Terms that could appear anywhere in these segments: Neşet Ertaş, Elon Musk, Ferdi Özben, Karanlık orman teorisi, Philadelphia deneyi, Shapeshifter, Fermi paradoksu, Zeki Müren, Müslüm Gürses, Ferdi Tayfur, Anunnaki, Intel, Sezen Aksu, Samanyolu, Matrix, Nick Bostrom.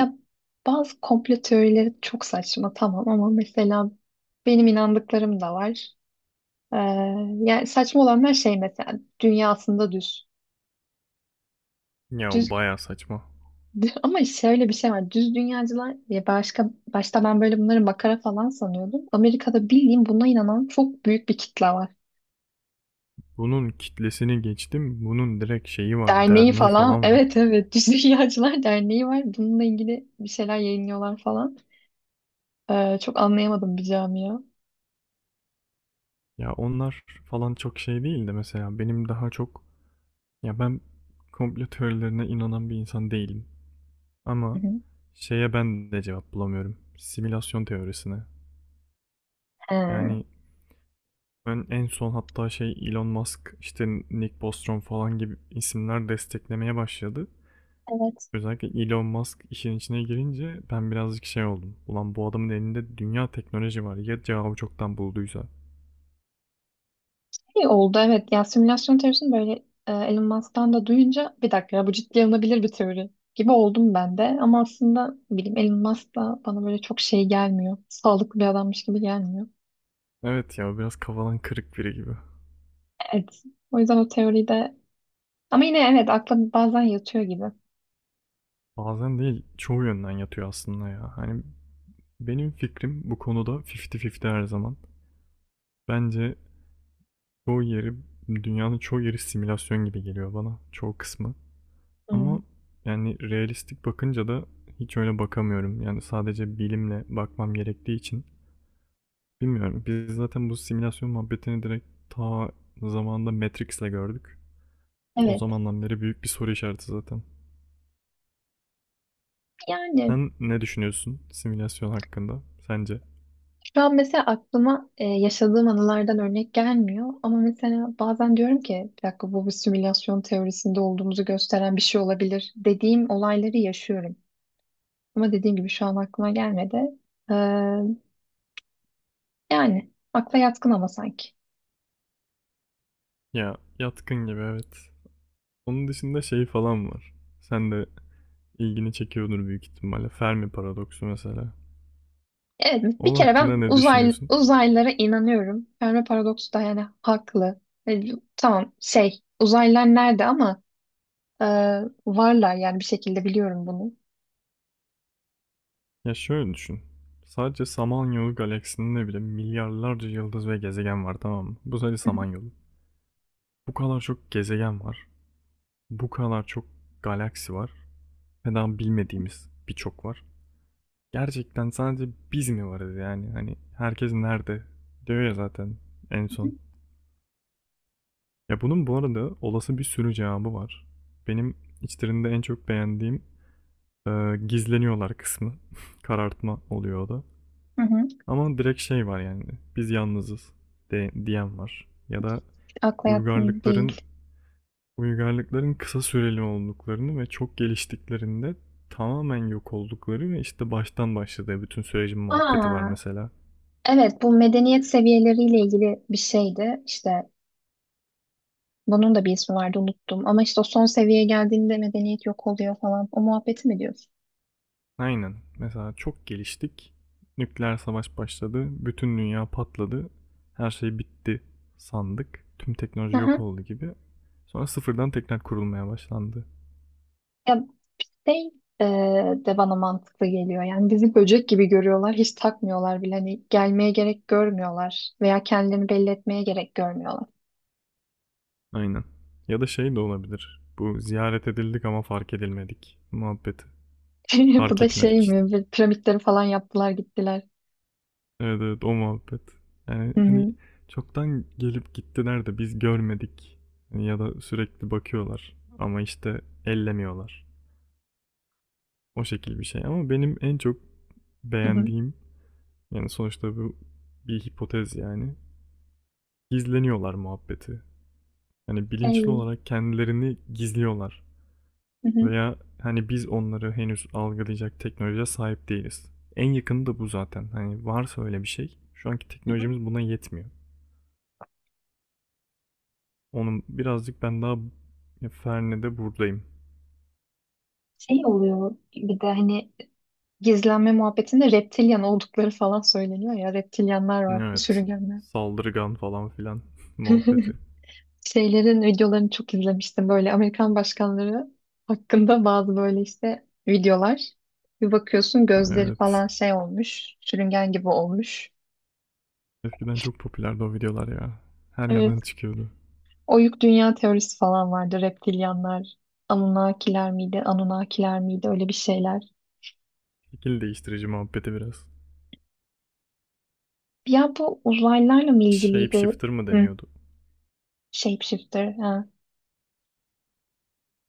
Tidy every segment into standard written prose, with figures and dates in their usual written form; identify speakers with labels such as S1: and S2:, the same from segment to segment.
S1: Ya bazı komplo teorileri çok saçma tamam ama mesela benim inandıklarım da var. Ee, Yani saçma olanlar şey mesela dünya aslında düz.
S2: Ya o
S1: Düz
S2: baya saçma.
S1: ama şöyle bir şey var. Düz dünyacılar ya başka başta ben böyle bunları makara falan sanıyordum. Amerika'da bildiğim buna inanan çok büyük bir kitle var.
S2: Bunun kitlesini geçtim. Bunun direkt şeyi var.
S1: Derneği
S2: Derneği
S1: falan.
S2: falan var.
S1: Evet evet Düz Dünyacılar Derneği var. Bununla ilgili bir şeyler yayınlıyorlar falan. Çok anlayamadım bir camia.
S2: Ya onlar falan çok şey değil de mesela benim daha çok, ya ben, komplo teorilerine inanan bir insan değilim.
S1: Hı
S2: Ama
S1: hı.
S2: şeye ben de cevap bulamıyorum. Simülasyon teorisine.
S1: He.
S2: Yani ben en son hatta şey Elon Musk işte Nick Bostrom falan gibi isimler desteklemeye başladı.
S1: Evet.
S2: Özellikle Elon Musk işin içine girince ben birazcık şey oldum. Ulan bu adamın elinde dünya teknoloji var. Ya cevabı çoktan bulduysa.
S1: İyi oldu evet. Ya simülasyon teorisini böyle Elon Musk'tan da duyunca bir dakika ya bu ciddiye alınabilir bir teori gibi oldum ben de. Ama aslında ne bileyim Elon Musk da bana böyle çok şey gelmiyor. Sağlıklı bir adammış gibi gelmiyor.
S2: Evet ya biraz kafadan kırık biri gibi.
S1: Evet. O yüzden o teori de ama yine evet akla bazen yatıyor gibi.
S2: Bazen değil çoğu yönden yatıyor aslında ya. Hani benim fikrim bu konuda 50-50 her zaman. Bence çoğu yeri, dünyanın çoğu yeri simülasyon gibi geliyor bana. Çoğu kısmı.
S1: Hmm.
S2: Ama yani realistik bakınca da hiç öyle bakamıyorum. Yani sadece bilimle bakmam gerektiği için bilmiyorum. Biz zaten bu simülasyon muhabbetini direkt ta zamanında Matrix'le gördük. O
S1: Evet.
S2: zamandan beri büyük bir soru işareti zaten.
S1: Yani
S2: Sen ne düşünüyorsun simülasyon hakkında? Sence?
S1: şu an mesela aklıma yaşadığım anılardan örnek gelmiyor. Ama mesela bazen diyorum ki bir dakika bu bir simülasyon teorisinde olduğumuzu gösteren bir şey olabilir dediğim olayları yaşıyorum. Ama dediğim gibi şu an aklıma gelmedi. Ee, Yani akla yatkın ama sanki.
S2: Ya yatkın gibi evet. Onun dışında şey falan var. Sen de ilgini çekiyordur büyük ihtimalle. Fermi paradoksu mesela.
S1: Evet bir
S2: Onun
S1: kere
S2: hakkında
S1: ben
S2: ne düşünüyorsun?
S1: uzaylılara inanıyorum. Fermi paradoksu da yani haklı. E, tamam şey uzaylılar nerede ama e, varlar yani bir şekilde biliyorum bunu.
S2: Ya şöyle düşün. Sadece Samanyolu galaksisinde bile milyarlarca yıldız ve gezegen var, tamam mı? Bu sadece
S1: Hı
S2: Samanyolu. Bu kadar çok gezegen var. Bu kadar çok galaksi var. Ve daha bilmediğimiz birçok var. Gerçekten sadece biz mi varız yani? Hani herkes nerede? Diyor ya zaten en
S1: hı.
S2: son. Ya bunun bu arada olası bir sürü cevabı var. Benim içlerinde en çok beğendiğim, e, gizleniyorlar kısmı. Karartma oluyor o da. Ama direkt şey var yani biz yalnızız diyen var. Ya da
S1: Akla yakın
S2: uygarlıkların,
S1: değil.
S2: uygarlıkların kısa süreli olduklarını ve çok geliştiklerinde tamamen yok oldukları ve işte baştan başladığı bütün sürecin muhabbeti var
S1: Aa,
S2: mesela.
S1: evet, bu medeniyet seviyeleriyle ilgili bir şeydi. İşte bunun da bir ismi vardı unuttum. Ama işte o son seviyeye geldiğinde medeniyet yok oluyor falan. O muhabbeti mi diyorsun?
S2: Aynen. Mesela çok geliştik. Nükleer savaş başladı. Bütün dünya patladı. Her şey bitti sandık. Tüm teknoloji yok
S1: Aha.
S2: oldu gibi. Sonra sıfırdan tekrar kurulmaya başlandı.
S1: Ya şey e, de bana mantıklı geliyor. Yani bizi böcek gibi görüyorlar. Hiç takmıyorlar bile. Hani gelmeye gerek görmüyorlar. Veya kendilerini belli etmeye gerek görmüyorlar.
S2: Aynen. Ya da şey de olabilir. Bu ziyaret edildik ama fark edilmedik muhabbeti.
S1: Bu
S2: Fark
S1: da
S2: etmedik
S1: şey
S2: işte.
S1: mi? Bir Piramitleri falan yaptılar gittiler.
S2: Evet, evet, o muhabbet. Yani
S1: Hı
S2: hani
S1: hı.
S2: çoktan gelip gittiler de biz görmedik. Hani ya da sürekli bakıyorlar ama işte ellemiyorlar. O şekil bir şey ama benim en çok
S1: Hı hı.
S2: beğendiğim, yani sonuçta bu bir hipotez yani. Gizleniyorlar muhabbeti. Hani bilinçli
S1: Şey.
S2: olarak kendilerini gizliyorlar.
S1: Hı hı.
S2: Veya hani biz onları henüz algılayacak teknolojiye sahip değiliz. En yakını da bu zaten. Hani varsa öyle bir şey. Şu anki teknolojimiz buna yetmiyor. Onun birazcık ben daha Ferne'de buradayım.
S1: Şey oluyor bir de hani gizlenme muhabbetinde reptilyan oldukları falan söyleniyor ya. Reptilyanlar var,
S2: Evet.
S1: sürüngenler.
S2: Saldırgan falan filan muhabbeti.
S1: Şeylerin videolarını çok izlemiştim. Böyle Amerikan başkanları hakkında bazı böyle işte videolar. Bir bakıyorsun gözleri
S2: Evet.
S1: falan şey olmuş, sürüngen gibi olmuş.
S2: Eskiden çok popülerdi o videolar ya. Her
S1: Evet.
S2: yerden çıkıyordu.
S1: Oyuk dünya teorisi falan vardı. Reptilyanlar, Anunnakiler miydi öyle bir şeyler.
S2: Şekil değiştirici muhabbeti biraz.
S1: Ya bu uzaylılarla mı ilgiliydi?
S2: Shapeshifter mı
S1: Hı.
S2: deniyordu?
S1: Shapeshifter. Ha.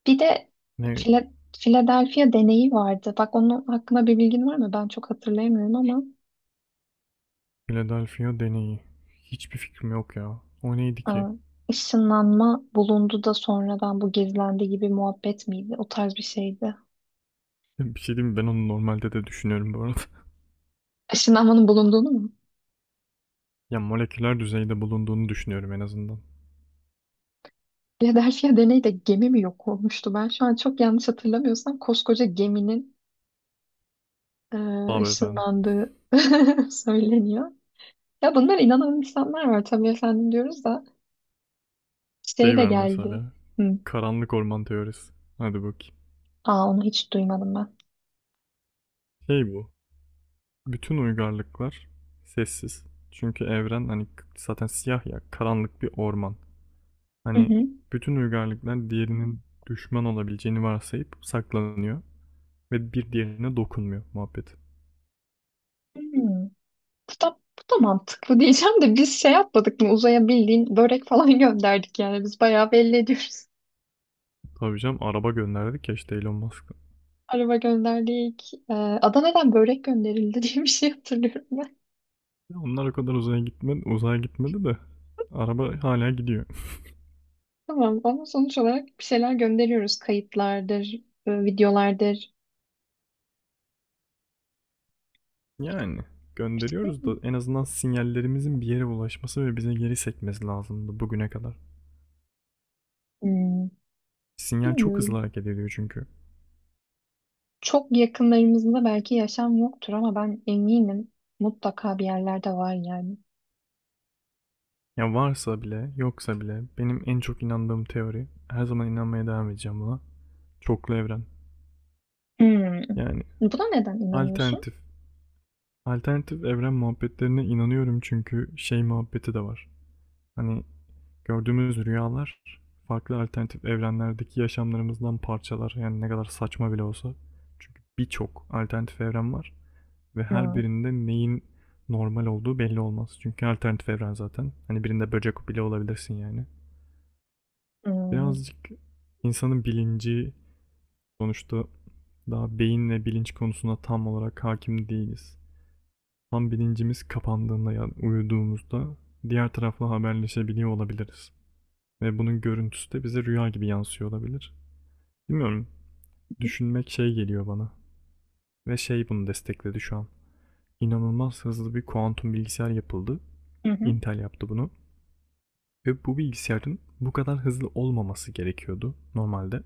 S1: Bir de
S2: Ne?
S1: Fila- Philadelphia deneyi vardı. Bak onun hakkında bir bilgin var mı? Ben çok hatırlayamıyorum ama
S2: Philadelphia deneyi. Hiçbir fikrim yok ya. O neydi ki?
S1: aa, ışınlanma bulundu da sonradan bu gizlendi gibi muhabbet miydi? O tarz bir şeydi.
S2: Bir şey diyeyim mi? Ben onu normalde de düşünüyorum bu arada.
S1: Işınlanmanın bulunduğunu mu?
S2: Ya moleküler düzeyde bulunduğunu düşünüyorum en azından.
S1: Philadelphia deneyde gemi mi yok olmuştu? Ben şu an çok yanlış hatırlamıyorsam koskoca geminin
S2: Abi efendim.
S1: ışınlandığı söyleniyor. Ya bunlar inanan insanlar var tabii efendim diyoruz da şey
S2: Şey
S1: de
S2: ver
S1: geldi.
S2: mesela.
S1: Hı.
S2: Karanlık orman teorisi. Hadi bakayım.
S1: Aa onu hiç duymadım ben.
S2: Şey bu. Bütün uygarlıklar sessiz. Çünkü evren hani zaten siyah ya, karanlık bir orman.
S1: Hı
S2: Hani
S1: hı.
S2: bütün uygarlıklar diğerinin düşman olabileceğini varsayıp saklanıyor ve bir diğerine dokunmuyor muhabbet.
S1: Hı. Bu da mantıklı diyeceğim de biz şey yapmadık mı uzaya bildiğin börek falan gönderdik yani biz bayağı belli ediyoruz.
S2: Tabii canım araba gönderdik ya işte Elon Musk'a.
S1: Araba gönderdik. Adana'dan börek gönderildi diye bir şey hatırlıyorum ben.
S2: Ya onlar o kadar uzaya gitmedi, de araba hala gidiyor.
S1: Tamam ama sonuç olarak bir şeyler gönderiyoruz. Kayıtlardır, videolardır.
S2: Yani
S1: İşte,
S2: gönderiyoruz da en azından sinyallerimizin bir yere ulaşması ve bize geri sekmesi lazımdı bugüne kadar.
S1: hmm,
S2: Sinyal çok hızlı
S1: bilmiyorum.
S2: hareket ediyor çünkü.
S1: Çok yakınlarımızda belki yaşam yoktur ama ben eminim mutlaka bir yerlerde var yani.
S2: Ya varsa bile, yoksa bile benim en çok inandığım teori, her zaman inanmaya devam edeceğim buna. Çoklu evren.
S1: Hmm.
S2: Yani
S1: Buna neden inanıyorsun?
S2: alternatif. Alternatif evren muhabbetlerine inanıyorum çünkü şey muhabbeti de var. Hani gördüğümüz rüyalar farklı alternatif evrenlerdeki yaşamlarımızdan parçalar. Yani ne kadar saçma bile olsa. Çünkü birçok alternatif evren var ve her
S1: Hmm.
S2: birinde neyin normal olduğu belli olmaz. Çünkü alternatif evren zaten. Hani birinde böcek bile olabilirsin yani.
S1: Hmm.
S2: Birazcık insanın bilinci sonuçta daha beyinle bilinç konusuna tam olarak hakim değiliz. Tam bilincimiz kapandığında yani uyuduğumuzda diğer tarafla haberleşebiliyor olabiliriz. Ve bunun görüntüsü de bize rüya gibi yansıyor olabilir. Bilmiyorum, düşünmek şey geliyor bana. Ve şey bunu destekledi şu an. İnanılmaz hızlı bir kuantum bilgisayar yapıldı.
S1: Hı hı.
S2: Intel yaptı bunu. Ve bu bilgisayarın bu kadar hızlı olmaması gerekiyordu normalde.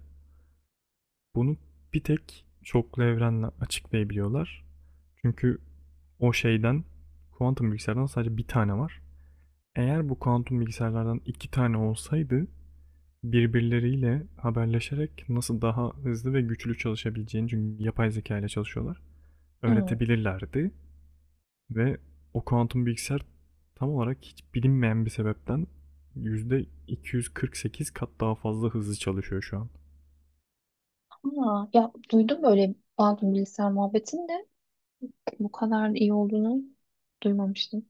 S2: Bunu bir tek çoklu evrenle açıklayabiliyorlar. Çünkü o şeyden kuantum bilgisayardan sadece bir tane var. Eğer bu kuantum bilgisayarlardan iki tane olsaydı birbirleriyle haberleşerek nasıl daha hızlı ve güçlü çalışabileceğini, çünkü yapay zeka ile çalışıyorlar,
S1: Hmm.
S2: öğretebilirlerdi ve o kuantum bilgisayar tam olarak hiç bilinmeyen bir sebepten %248 kat daha fazla hızlı çalışıyor şu an.
S1: Aa, ya duydum böyle Baldur bilgisayar muhabbetini de bu kadar iyi olduğunu duymamıştım.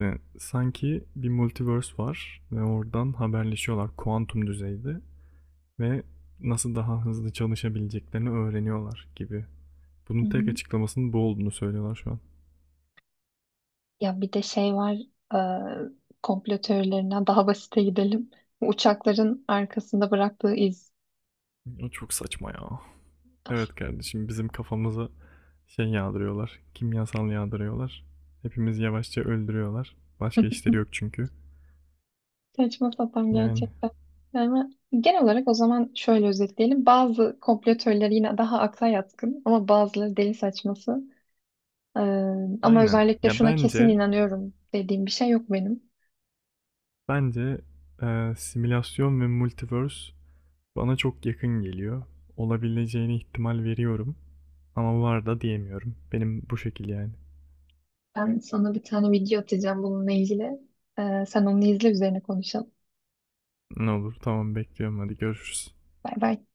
S2: Yani sanki bir multiverse var ve oradan haberleşiyorlar kuantum düzeyde ve nasıl daha hızlı çalışabileceklerini öğreniyorlar gibi. Bunun
S1: Hı hı.
S2: tek açıklamasının bu olduğunu söylüyorlar şu an.
S1: Ya bir de şey var e, komplo teorilerinden daha basite gidelim. Uçakların arkasında bıraktığı iz.
S2: O çok saçma ya. Evet kardeşim bizim kafamıza şey yağdırıyorlar. Kimyasal yağdırıyorlar. Hepimiz yavaşça öldürüyorlar. Başka işleri yok çünkü.
S1: Saçma sapan
S2: Yani
S1: gerçekten. Yani genel olarak o zaman şöyle özetleyelim. Bazı komplo teorileri yine daha akla yatkın ama bazıları deli saçması. E, Ama
S2: aynen.
S1: özellikle
S2: Ya
S1: şuna kesin
S2: bence,
S1: inanıyorum dediğim bir şey yok benim.
S2: bence simülasyon ve multiverse bana çok yakın geliyor. Olabileceğine ihtimal veriyorum. Ama var da diyemiyorum. Benim bu şekil yani.
S1: Ben sana bir tane video atacağım bununla ilgili. Sen onu izle üzerine konuşalım.
S2: Ne olur tamam bekliyorum, hadi görüşürüz.
S1: Bay bay.